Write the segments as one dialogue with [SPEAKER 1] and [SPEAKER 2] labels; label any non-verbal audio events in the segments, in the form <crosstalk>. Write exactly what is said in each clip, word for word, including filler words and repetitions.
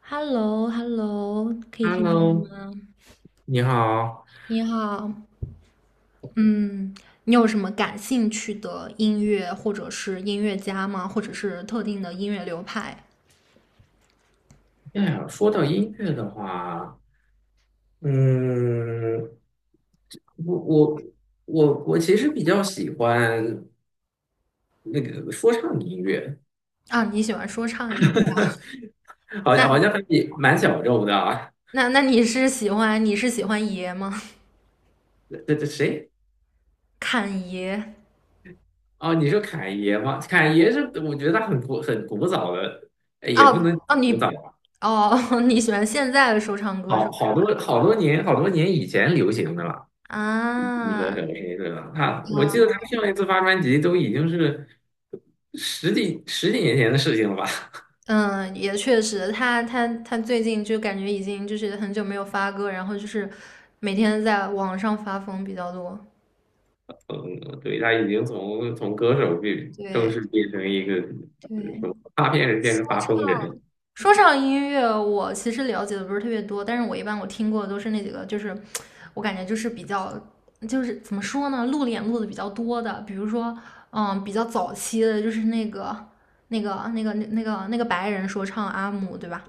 [SPEAKER 1] h e l l o h e l l o 可以听到
[SPEAKER 2] Hello，
[SPEAKER 1] 吗？
[SPEAKER 2] 你好。
[SPEAKER 1] 你好，嗯，你有什么感兴趣的音乐或者是音乐家吗？或者是特定的音乐流派
[SPEAKER 2] 哎呀，说到音乐的话，嗯，我我我我其实比较喜欢那个说唱音乐，
[SPEAKER 1] 啊？你喜欢说唱音乐？
[SPEAKER 2] 好像好
[SPEAKER 1] 那
[SPEAKER 2] 像还比蛮小众的啊。
[SPEAKER 1] 那那你是喜欢你是喜欢爷吗？<laughs>
[SPEAKER 2] 这这谁？
[SPEAKER 1] 侃爷？
[SPEAKER 2] 哦，你说侃爷吗？侃爷是我觉得他很古很古早的，哎也不能
[SPEAKER 1] 哦哦，
[SPEAKER 2] 古早，
[SPEAKER 1] 你哦，<laughs> 你喜欢现在的说唱歌手
[SPEAKER 2] 好
[SPEAKER 1] 是
[SPEAKER 2] 好
[SPEAKER 1] 吧？
[SPEAKER 2] 多好多年好多年以前流行的了。你说什
[SPEAKER 1] 啊，
[SPEAKER 2] 么意思啊？他，我记得他上一次发专辑都已经是十几十几年前的事情了吧？
[SPEAKER 1] 嗯，也确实，他他他最近就感觉已经就是很久没有发歌，然后就是每天在网上发疯比较多。
[SPEAKER 2] 嗯，对，他已经从从歌手变正
[SPEAKER 1] 对
[SPEAKER 2] 式变成一个
[SPEAKER 1] 对，
[SPEAKER 2] 呃什么发片人，变成
[SPEAKER 1] 说
[SPEAKER 2] 发疯人
[SPEAKER 1] 唱
[SPEAKER 2] 了。
[SPEAKER 1] 说唱音乐我其实了解的不是特别多，但是我一般我听过的都是那几个，就是我感觉就是比较就是怎么说呢，露脸露的比较多的，比如说嗯比较早期的就是那个那个那个那个那个白人说唱阿姆，对吧？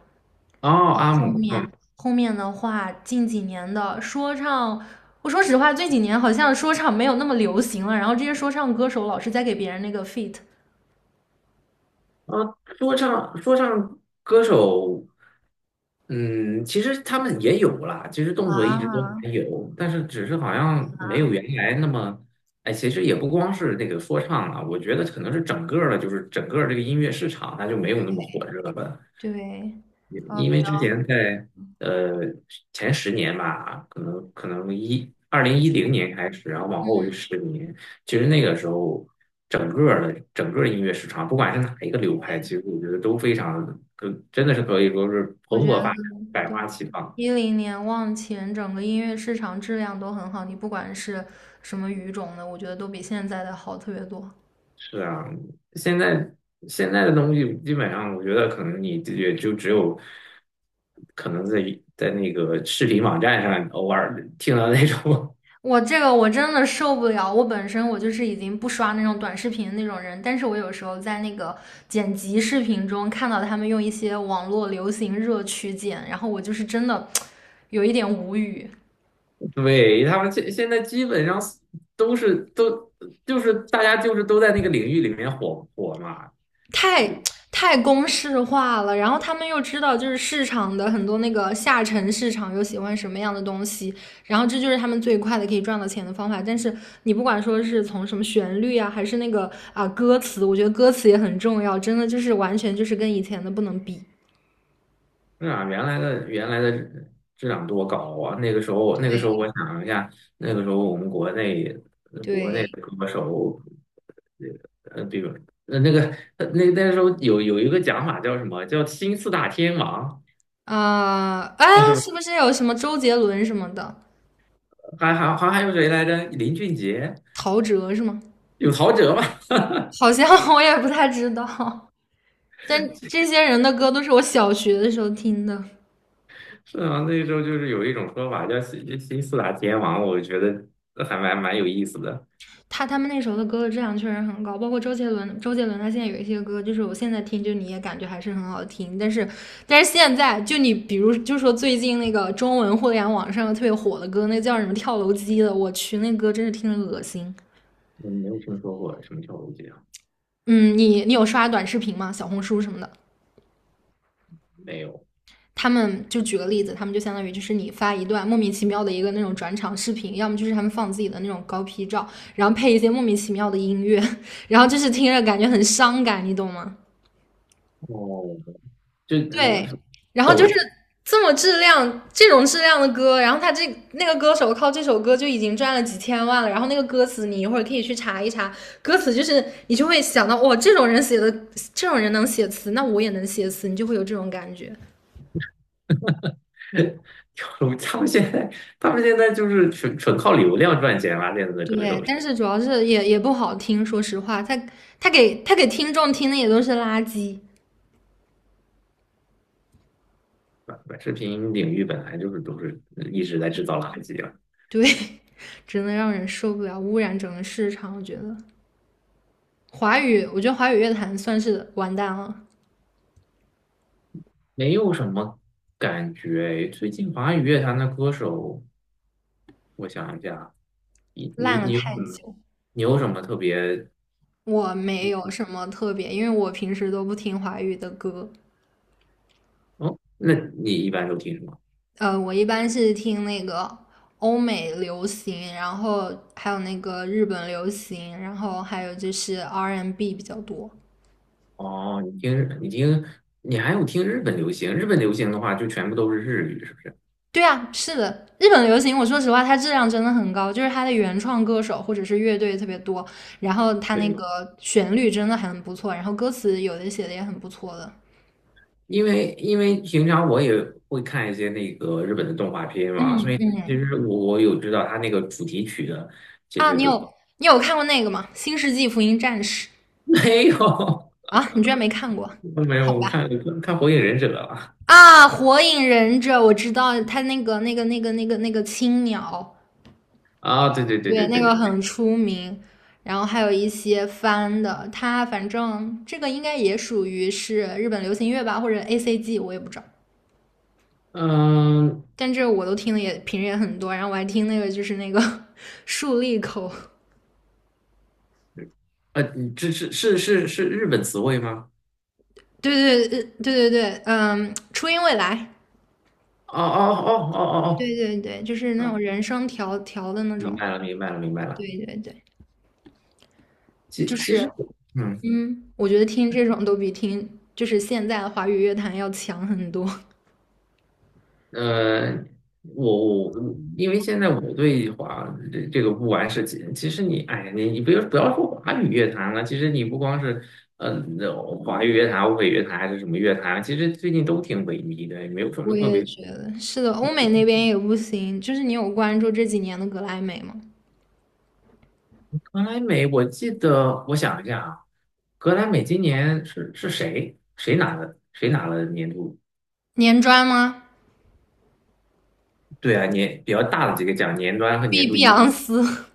[SPEAKER 2] 哦，阿
[SPEAKER 1] 后
[SPEAKER 2] 姆，嗯，
[SPEAKER 1] 面后面的话，近几年的说唱，我说实话，这几年好像说唱没有那么流行了，然后这些说唱歌手老是在给别人那个 feat
[SPEAKER 2] 啊，说唱说唱歌手，嗯，其实他们也有啦，其实动作一直都
[SPEAKER 1] 啊
[SPEAKER 2] 还有，但是只是好像没
[SPEAKER 1] 啊，
[SPEAKER 2] 有原来那么，哎，其实也不光是那个说唱了，我觉得可能是整个儿的，就是整个儿这个音乐市场它就没有那么火热了。
[SPEAKER 1] 对，
[SPEAKER 2] 因
[SPEAKER 1] 呃，
[SPEAKER 2] 因
[SPEAKER 1] 比
[SPEAKER 2] 为
[SPEAKER 1] 较，
[SPEAKER 2] 之前在呃前十年吧，可能可能一二零一零年开始，然后往后是十年，其实那个时候整个儿的整个儿音乐市场，不管是哪一个流派，其实我觉得都非常可，真的是可以说是
[SPEAKER 1] 我
[SPEAKER 2] 蓬
[SPEAKER 1] 觉得
[SPEAKER 2] 勃发展，百
[SPEAKER 1] 对
[SPEAKER 2] 花
[SPEAKER 1] 对
[SPEAKER 2] 齐放。
[SPEAKER 1] 一零年往前，整个音乐市场质量都很好，你不管是什么语种的，我觉得都比现在的好特别多。
[SPEAKER 2] 是啊，现在现在的东西基本上，我觉得可能你也就只有可能在在那个视频网站上偶尔听到那种 <laughs>。
[SPEAKER 1] 我这个我真的受不了，我本身我就是已经不刷那种短视频那种人，但是我有时候在那个剪辑视频中看到他们用一些网络流行热曲剪，然后我就是真的有一点无语。
[SPEAKER 2] 对，他们现现在基本上都是都就是大家就是都在那个领域里面火火嘛，
[SPEAKER 1] 太太公式化了，然后他们又知道就是市场的很多那个下沉市场又喜欢什么样的东西，然后这就是他们最快的可以赚到钱的方法。但是你不管说是从什么旋律啊，还是那个啊歌词，我觉得歌词也很重要，真的就是完全就是跟以前的不能比。
[SPEAKER 2] 那啊，原来的原来的质量多高啊！那个时候那个时候我
[SPEAKER 1] 对
[SPEAKER 2] 想一下，那个时候我们国内国内
[SPEAKER 1] 对
[SPEAKER 2] 的歌手，呃，比如呃那个呃那那时候有有一个讲法叫什么叫新四大天王，
[SPEAKER 1] 啊，哎，
[SPEAKER 2] 叫什么
[SPEAKER 1] 是不是有什么周杰伦什么的，
[SPEAKER 2] 还还还还有谁来着？林俊杰，
[SPEAKER 1] 陶喆是吗？
[SPEAKER 2] 有陶喆吧？
[SPEAKER 1] 好像 <laughs> 我也不太知道，但
[SPEAKER 2] <laughs>
[SPEAKER 1] 这些人的歌都是我小学的时候听的。
[SPEAKER 2] 是啊，那时候就是有一种说法叫新新四大天王，我觉得还蛮蛮有意思的。
[SPEAKER 1] 他他们那时候的歌的质量确实很高，包括周杰伦，周杰伦他现在有一些歌，就是我现在听，就你也感觉还是很好听。但是，但是现在就你比如就说最近那个中文互联网上特别火的歌，那叫什么跳楼机的，我去，那歌真是听着恶心。
[SPEAKER 2] 我没有听说过什么跳楼机啊？
[SPEAKER 1] 嗯，你你有刷短视频吗？小红书什么的？
[SPEAKER 2] 没有。
[SPEAKER 1] 他们就举个例子，他们就相当于就是你发一段莫名其妙的一个那种转场视频，要么就是他们放自己的那种高 P 照，然后配一些莫名其妙的音乐，<laughs> 然后就是听着感觉很伤感，你懂吗？
[SPEAKER 2] 哦，就
[SPEAKER 1] 对，
[SPEAKER 2] 嗯
[SPEAKER 1] 然后就
[SPEAKER 2] 抖
[SPEAKER 1] 是
[SPEAKER 2] <laughs>
[SPEAKER 1] 这么质量，这种质量的歌，然后他这那个歌手靠这首歌就已经赚了几千万了，然后那个歌词你一会儿可以去查一查，歌词就是你就会想到，哇，这种人写的，这种人能写词，那我也能写词，你就会有这种感觉。
[SPEAKER 2] 跳楼，他们现在他们现在就是纯纯靠流量赚钱啦，现在的歌
[SPEAKER 1] 对，
[SPEAKER 2] 手是
[SPEAKER 1] 但是主要是也也不好听，说实话，他他给他给听众听的也都是垃圾，
[SPEAKER 2] 吧？短视频领域本来就是都是一直在制造垃圾啊，
[SPEAKER 1] 对，<laughs> 真的让人受不了，污染整个市场，我觉得华语，我觉得华语乐坛算是完蛋了，
[SPEAKER 2] 没有什么感觉。最近华语乐坛的歌手，我想一下，你
[SPEAKER 1] 烂
[SPEAKER 2] 你
[SPEAKER 1] 了
[SPEAKER 2] 你有什
[SPEAKER 1] 太
[SPEAKER 2] 么
[SPEAKER 1] 久。
[SPEAKER 2] 你有什么特别？
[SPEAKER 1] 我没有什么特别，因为我平时都不听华语的歌，
[SPEAKER 2] 哦，那你一般都听什么？
[SPEAKER 1] 呃，我一般是听那个欧美流行，然后还有那个日本流行，然后还有就是 R and B n 比较多。
[SPEAKER 2] 哦，你听日，你听，你还有听日本流行。日本流行的话，就全部都是日语，是不是？
[SPEAKER 1] 对啊，是的，日本流行，我说实话，它质量真的很高，就是它的原创歌手或者是乐队特别多，然后它那个
[SPEAKER 2] 对，
[SPEAKER 1] 旋律真的很不错，然后歌词有的写的也很不错的
[SPEAKER 2] 因为因为平常我也会看一些那个日本的动画片嘛，所以其实我我有知道他那个主题曲的。
[SPEAKER 1] 啊。你有你有看过那个吗？《新世纪福音战士》
[SPEAKER 2] <laughs> 没有，
[SPEAKER 1] 啊？你居然没看过？
[SPEAKER 2] 没
[SPEAKER 1] 好
[SPEAKER 2] 有，我看
[SPEAKER 1] 吧。
[SPEAKER 2] 看《火影忍者》了。
[SPEAKER 1] 啊，火影忍者我知道，他那个那个那个那个那个青鸟，
[SPEAKER 2] 啊，对对对
[SPEAKER 1] 对，
[SPEAKER 2] 对
[SPEAKER 1] 那
[SPEAKER 2] 对对，
[SPEAKER 1] 个很出名。然后还有一些翻的，他反正这个应该也属于是日本流行乐吧，或者 A C G，我也不知道。
[SPEAKER 2] 嗯，
[SPEAKER 1] 但这我都听的也平时也很多，然后我还听那个就是那个 <laughs> 竖立口，
[SPEAKER 2] 呃，这是是是是日本词汇吗？
[SPEAKER 1] 对对对对对对，嗯，初音未来，
[SPEAKER 2] 哦哦哦哦哦
[SPEAKER 1] 对对对，就是
[SPEAKER 2] 哦，
[SPEAKER 1] 那
[SPEAKER 2] 啊，
[SPEAKER 1] 种人声调调的那
[SPEAKER 2] 明
[SPEAKER 1] 种，
[SPEAKER 2] 白了明白了明白了。
[SPEAKER 1] 对对对，就
[SPEAKER 2] 其其
[SPEAKER 1] 是
[SPEAKER 2] 实。嗯。
[SPEAKER 1] 嗯，我觉得听这种都比听就是现在的华语乐坛要强很多。<laughs>
[SPEAKER 2] 呃，我我因为现在我对华这这个不完是其其实你哎呀，你你不要不要说华语乐坛了，其实你不光是嗯、呃华语乐坛、欧美乐坛还是什么乐坛，其实最近都挺萎靡的，也没有什
[SPEAKER 1] 我
[SPEAKER 2] 么特
[SPEAKER 1] 也
[SPEAKER 2] 别。
[SPEAKER 1] 觉得是的，欧美那边也不行。就是你有关注这几年的格莱美吗？
[SPEAKER 2] 格莱美，我记得我想一下啊，格莱美今年是是谁谁拿的？谁拿了年度？
[SPEAKER 1] 年专吗？
[SPEAKER 2] 对啊，年比较大的几个奖，年端和年
[SPEAKER 1] 碧
[SPEAKER 2] 度
[SPEAKER 1] 碧
[SPEAKER 2] 一，
[SPEAKER 1] 昂斯，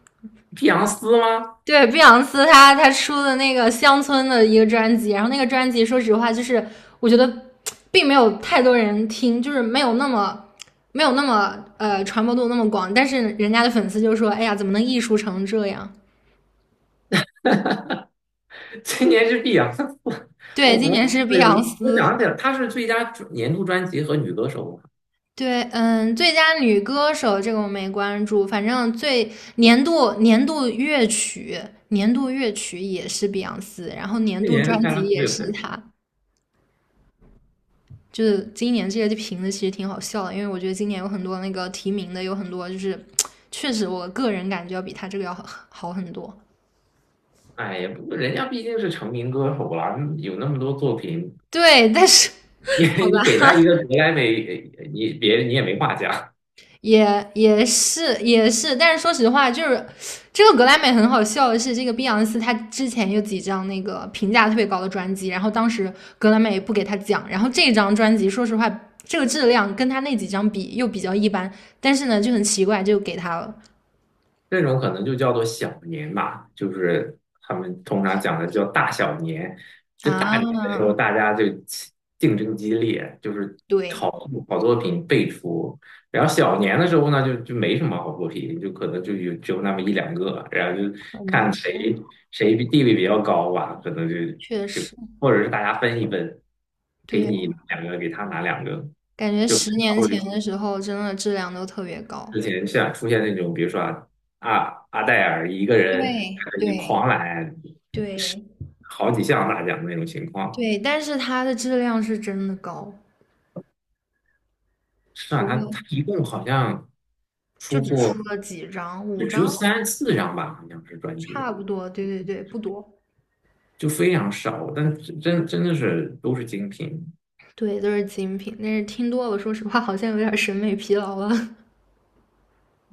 [SPEAKER 2] 碧昂斯吗？
[SPEAKER 1] <laughs> 对，碧昂斯她她出的那个乡村的一个专辑，然后那个专辑说实话就是我觉得并没有太多人听，就是没有那么没有那么呃传播度那么广，但是人家的粉丝就说，哎呀，怎么能艺术成这样？
[SPEAKER 2] 今年是碧昂斯 <laughs> 我哦
[SPEAKER 1] 对，今
[SPEAKER 2] 我
[SPEAKER 1] 年是碧
[SPEAKER 2] 对
[SPEAKER 1] 昂
[SPEAKER 2] 我我
[SPEAKER 1] 斯，
[SPEAKER 2] 讲起来，她是最佳年度专辑和女歌手嘛，
[SPEAKER 1] 对，嗯，最佳女歌手这个我没关注，反正最年度年度乐曲，年度乐曲也是碧昂斯，然后年
[SPEAKER 2] 去
[SPEAKER 1] 度
[SPEAKER 2] 年
[SPEAKER 1] 专
[SPEAKER 2] 是 Taylor
[SPEAKER 1] 辑也是
[SPEAKER 2] Swift。
[SPEAKER 1] 她。就是今年这些评的其实挺好笑的，因为我觉得今年有很多那个提名的有很多，就是确实我个人感觉要比她这个要好好很多。
[SPEAKER 2] 哎呀，不过人家毕竟是成名歌手了，有那么多作品，
[SPEAKER 1] 对，但是
[SPEAKER 2] 你
[SPEAKER 1] <laughs> 好吧，
[SPEAKER 2] 你给她一个格莱美，呃你别你也没话讲。
[SPEAKER 1] 也也是也是，但是说实话，就是这个格莱美很好笑的是，这个碧昂斯她之前有几张那个评价特别高的专辑，然后当时格莱美不给他讲，然后这张专辑说实话，这个质量跟他那几张比又比较一般，但是呢就很奇怪就给他了
[SPEAKER 2] 那种可能就叫做小年吧，就是他们通常讲的叫大小年。就大
[SPEAKER 1] 啊，
[SPEAKER 2] 年的时候，大家就起竞争激烈，就是
[SPEAKER 1] 对，
[SPEAKER 2] 好好作品辈出。然后小年的时候呢，就就没什么好作品，就可能就有只有那么一两个，然后就
[SPEAKER 1] 可能
[SPEAKER 2] 看谁谁地位比较高吧，可能就
[SPEAKER 1] 确
[SPEAKER 2] 就
[SPEAKER 1] 实
[SPEAKER 2] 或者是大家分一分，给
[SPEAKER 1] 对，
[SPEAKER 2] 你拿两个，给他拿两个，
[SPEAKER 1] 感觉
[SPEAKER 2] 就
[SPEAKER 1] 十年前的时候真的质量都特别高，
[SPEAKER 2] 之前像出现那种，比如说啊，阿阿黛尔一个人
[SPEAKER 1] 对
[SPEAKER 2] 你
[SPEAKER 1] 对
[SPEAKER 2] 狂揽
[SPEAKER 1] 对
[SPEAKER 2] 好几项大奖的那种情况。
[SPEAKER 1] 对，但是它的质量是真的高，
[SPEAKER 2] 是啊，
[SPEAKER 1] 不
[SPEAKER 2] 他
[SPEAKER 1] 过。
[SPEAKER 2] 他一共好像
[SPEAKER 1] 就
[SPEAKER 2] 出
[SPEAKER 1] 只出
[SPEAKER 2] 过
[SPEAKER 1] 了几张，五
[SPEAKER 2] 就只有
[SPEAKER 1] 张
[SPEAKER 2] 三四张吧，好像是专
[SPEAKER 1] 差
[SPEAKER 2] 辑，
[SPEAKER 1] 不多，对对对，不多，
[SPEAKER 2] 就非常少，但是真真的是都是精品。
[SPEAKER 1] 对，都是精品。但是听多了，说实话，好像有点审美疲劳了。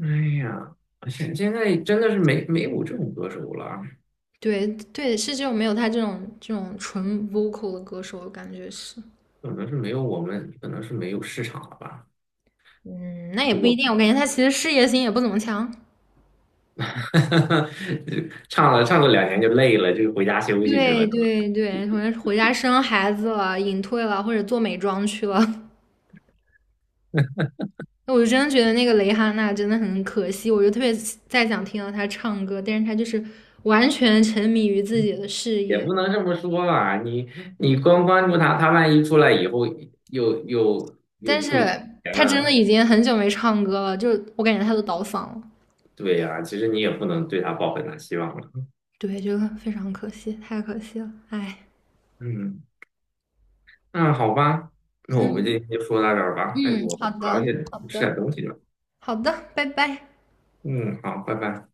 [SPEAKER 2] 哎呀，现现在真的是没没有这种歌手了，
[SPEAKER 1] <laughs> 对对，是这种没有他这种这种纯 vocal 的歌手，我感觉是，
[SPEAKER 2] 可能是没有我们，可能是没有市场了吧。
[SPEAKER 1] 嗯，那也不一
[SPEAKER 2] 我。
[SPEAKER 1] 定，我感觉他其实事业心也不怎么强。
[SPEAKER 2] <laughs> 哈哈，唱了唱了两年就累了，就回家休息去了，
[SPEAKER 1] 对
[SPEAKER 2] 是吧？
[SPEAKER 1] 对对，可能回家生孩子了，隐退了，或者做美妆去了。<laughs> 那我就真的觉得那个蕾哈娜真的很可惜，我就特别再想听到她唱歌，但是她就是完全沉迷于自己的事
[SPEAKER 2] 也
[SPEAKER 1] 业。
[SPEAKER 2] 不能这么说吧，你你光关注他，他万一出来以后又又又
[SPEAKER 1] 但是
[SPEAKER 2] 不如以前
[SPEAKER 1] 他真的
[SPEAKER 2] 了，
[SPEAKER 1] 已经很久没唱歌了，就我感觉他都倒嗓了。
[SPEAKER 2] 对呀、其实你也不能对他抱很大希望了。
[SPEAKER 1] 对，这个非常可惜，太可惜了，哎，
[SPEAKER 2] 嗯，那好吧，那我们今
[SPEAKER 1] 嗯
[SPEAKER 2] 天就说到这儿吧。哎，
[SPEAKER 1] 嗯，
[SPEAKER 2] 我
[SPEAKER 1] 好
[SPEAKER 2] 好像
[SPEAKER 1] 的，
[SPEAKER 2] 也
[SPEAKER 1] 好
[SPEAKER 2] 吃
[SPEAKER 1] 的，
[SPEAKER 2] 点东西了。
[SPEAKER 1] 好的，拜拜。
[SPEAKER 2] 嗯，好，拜拜。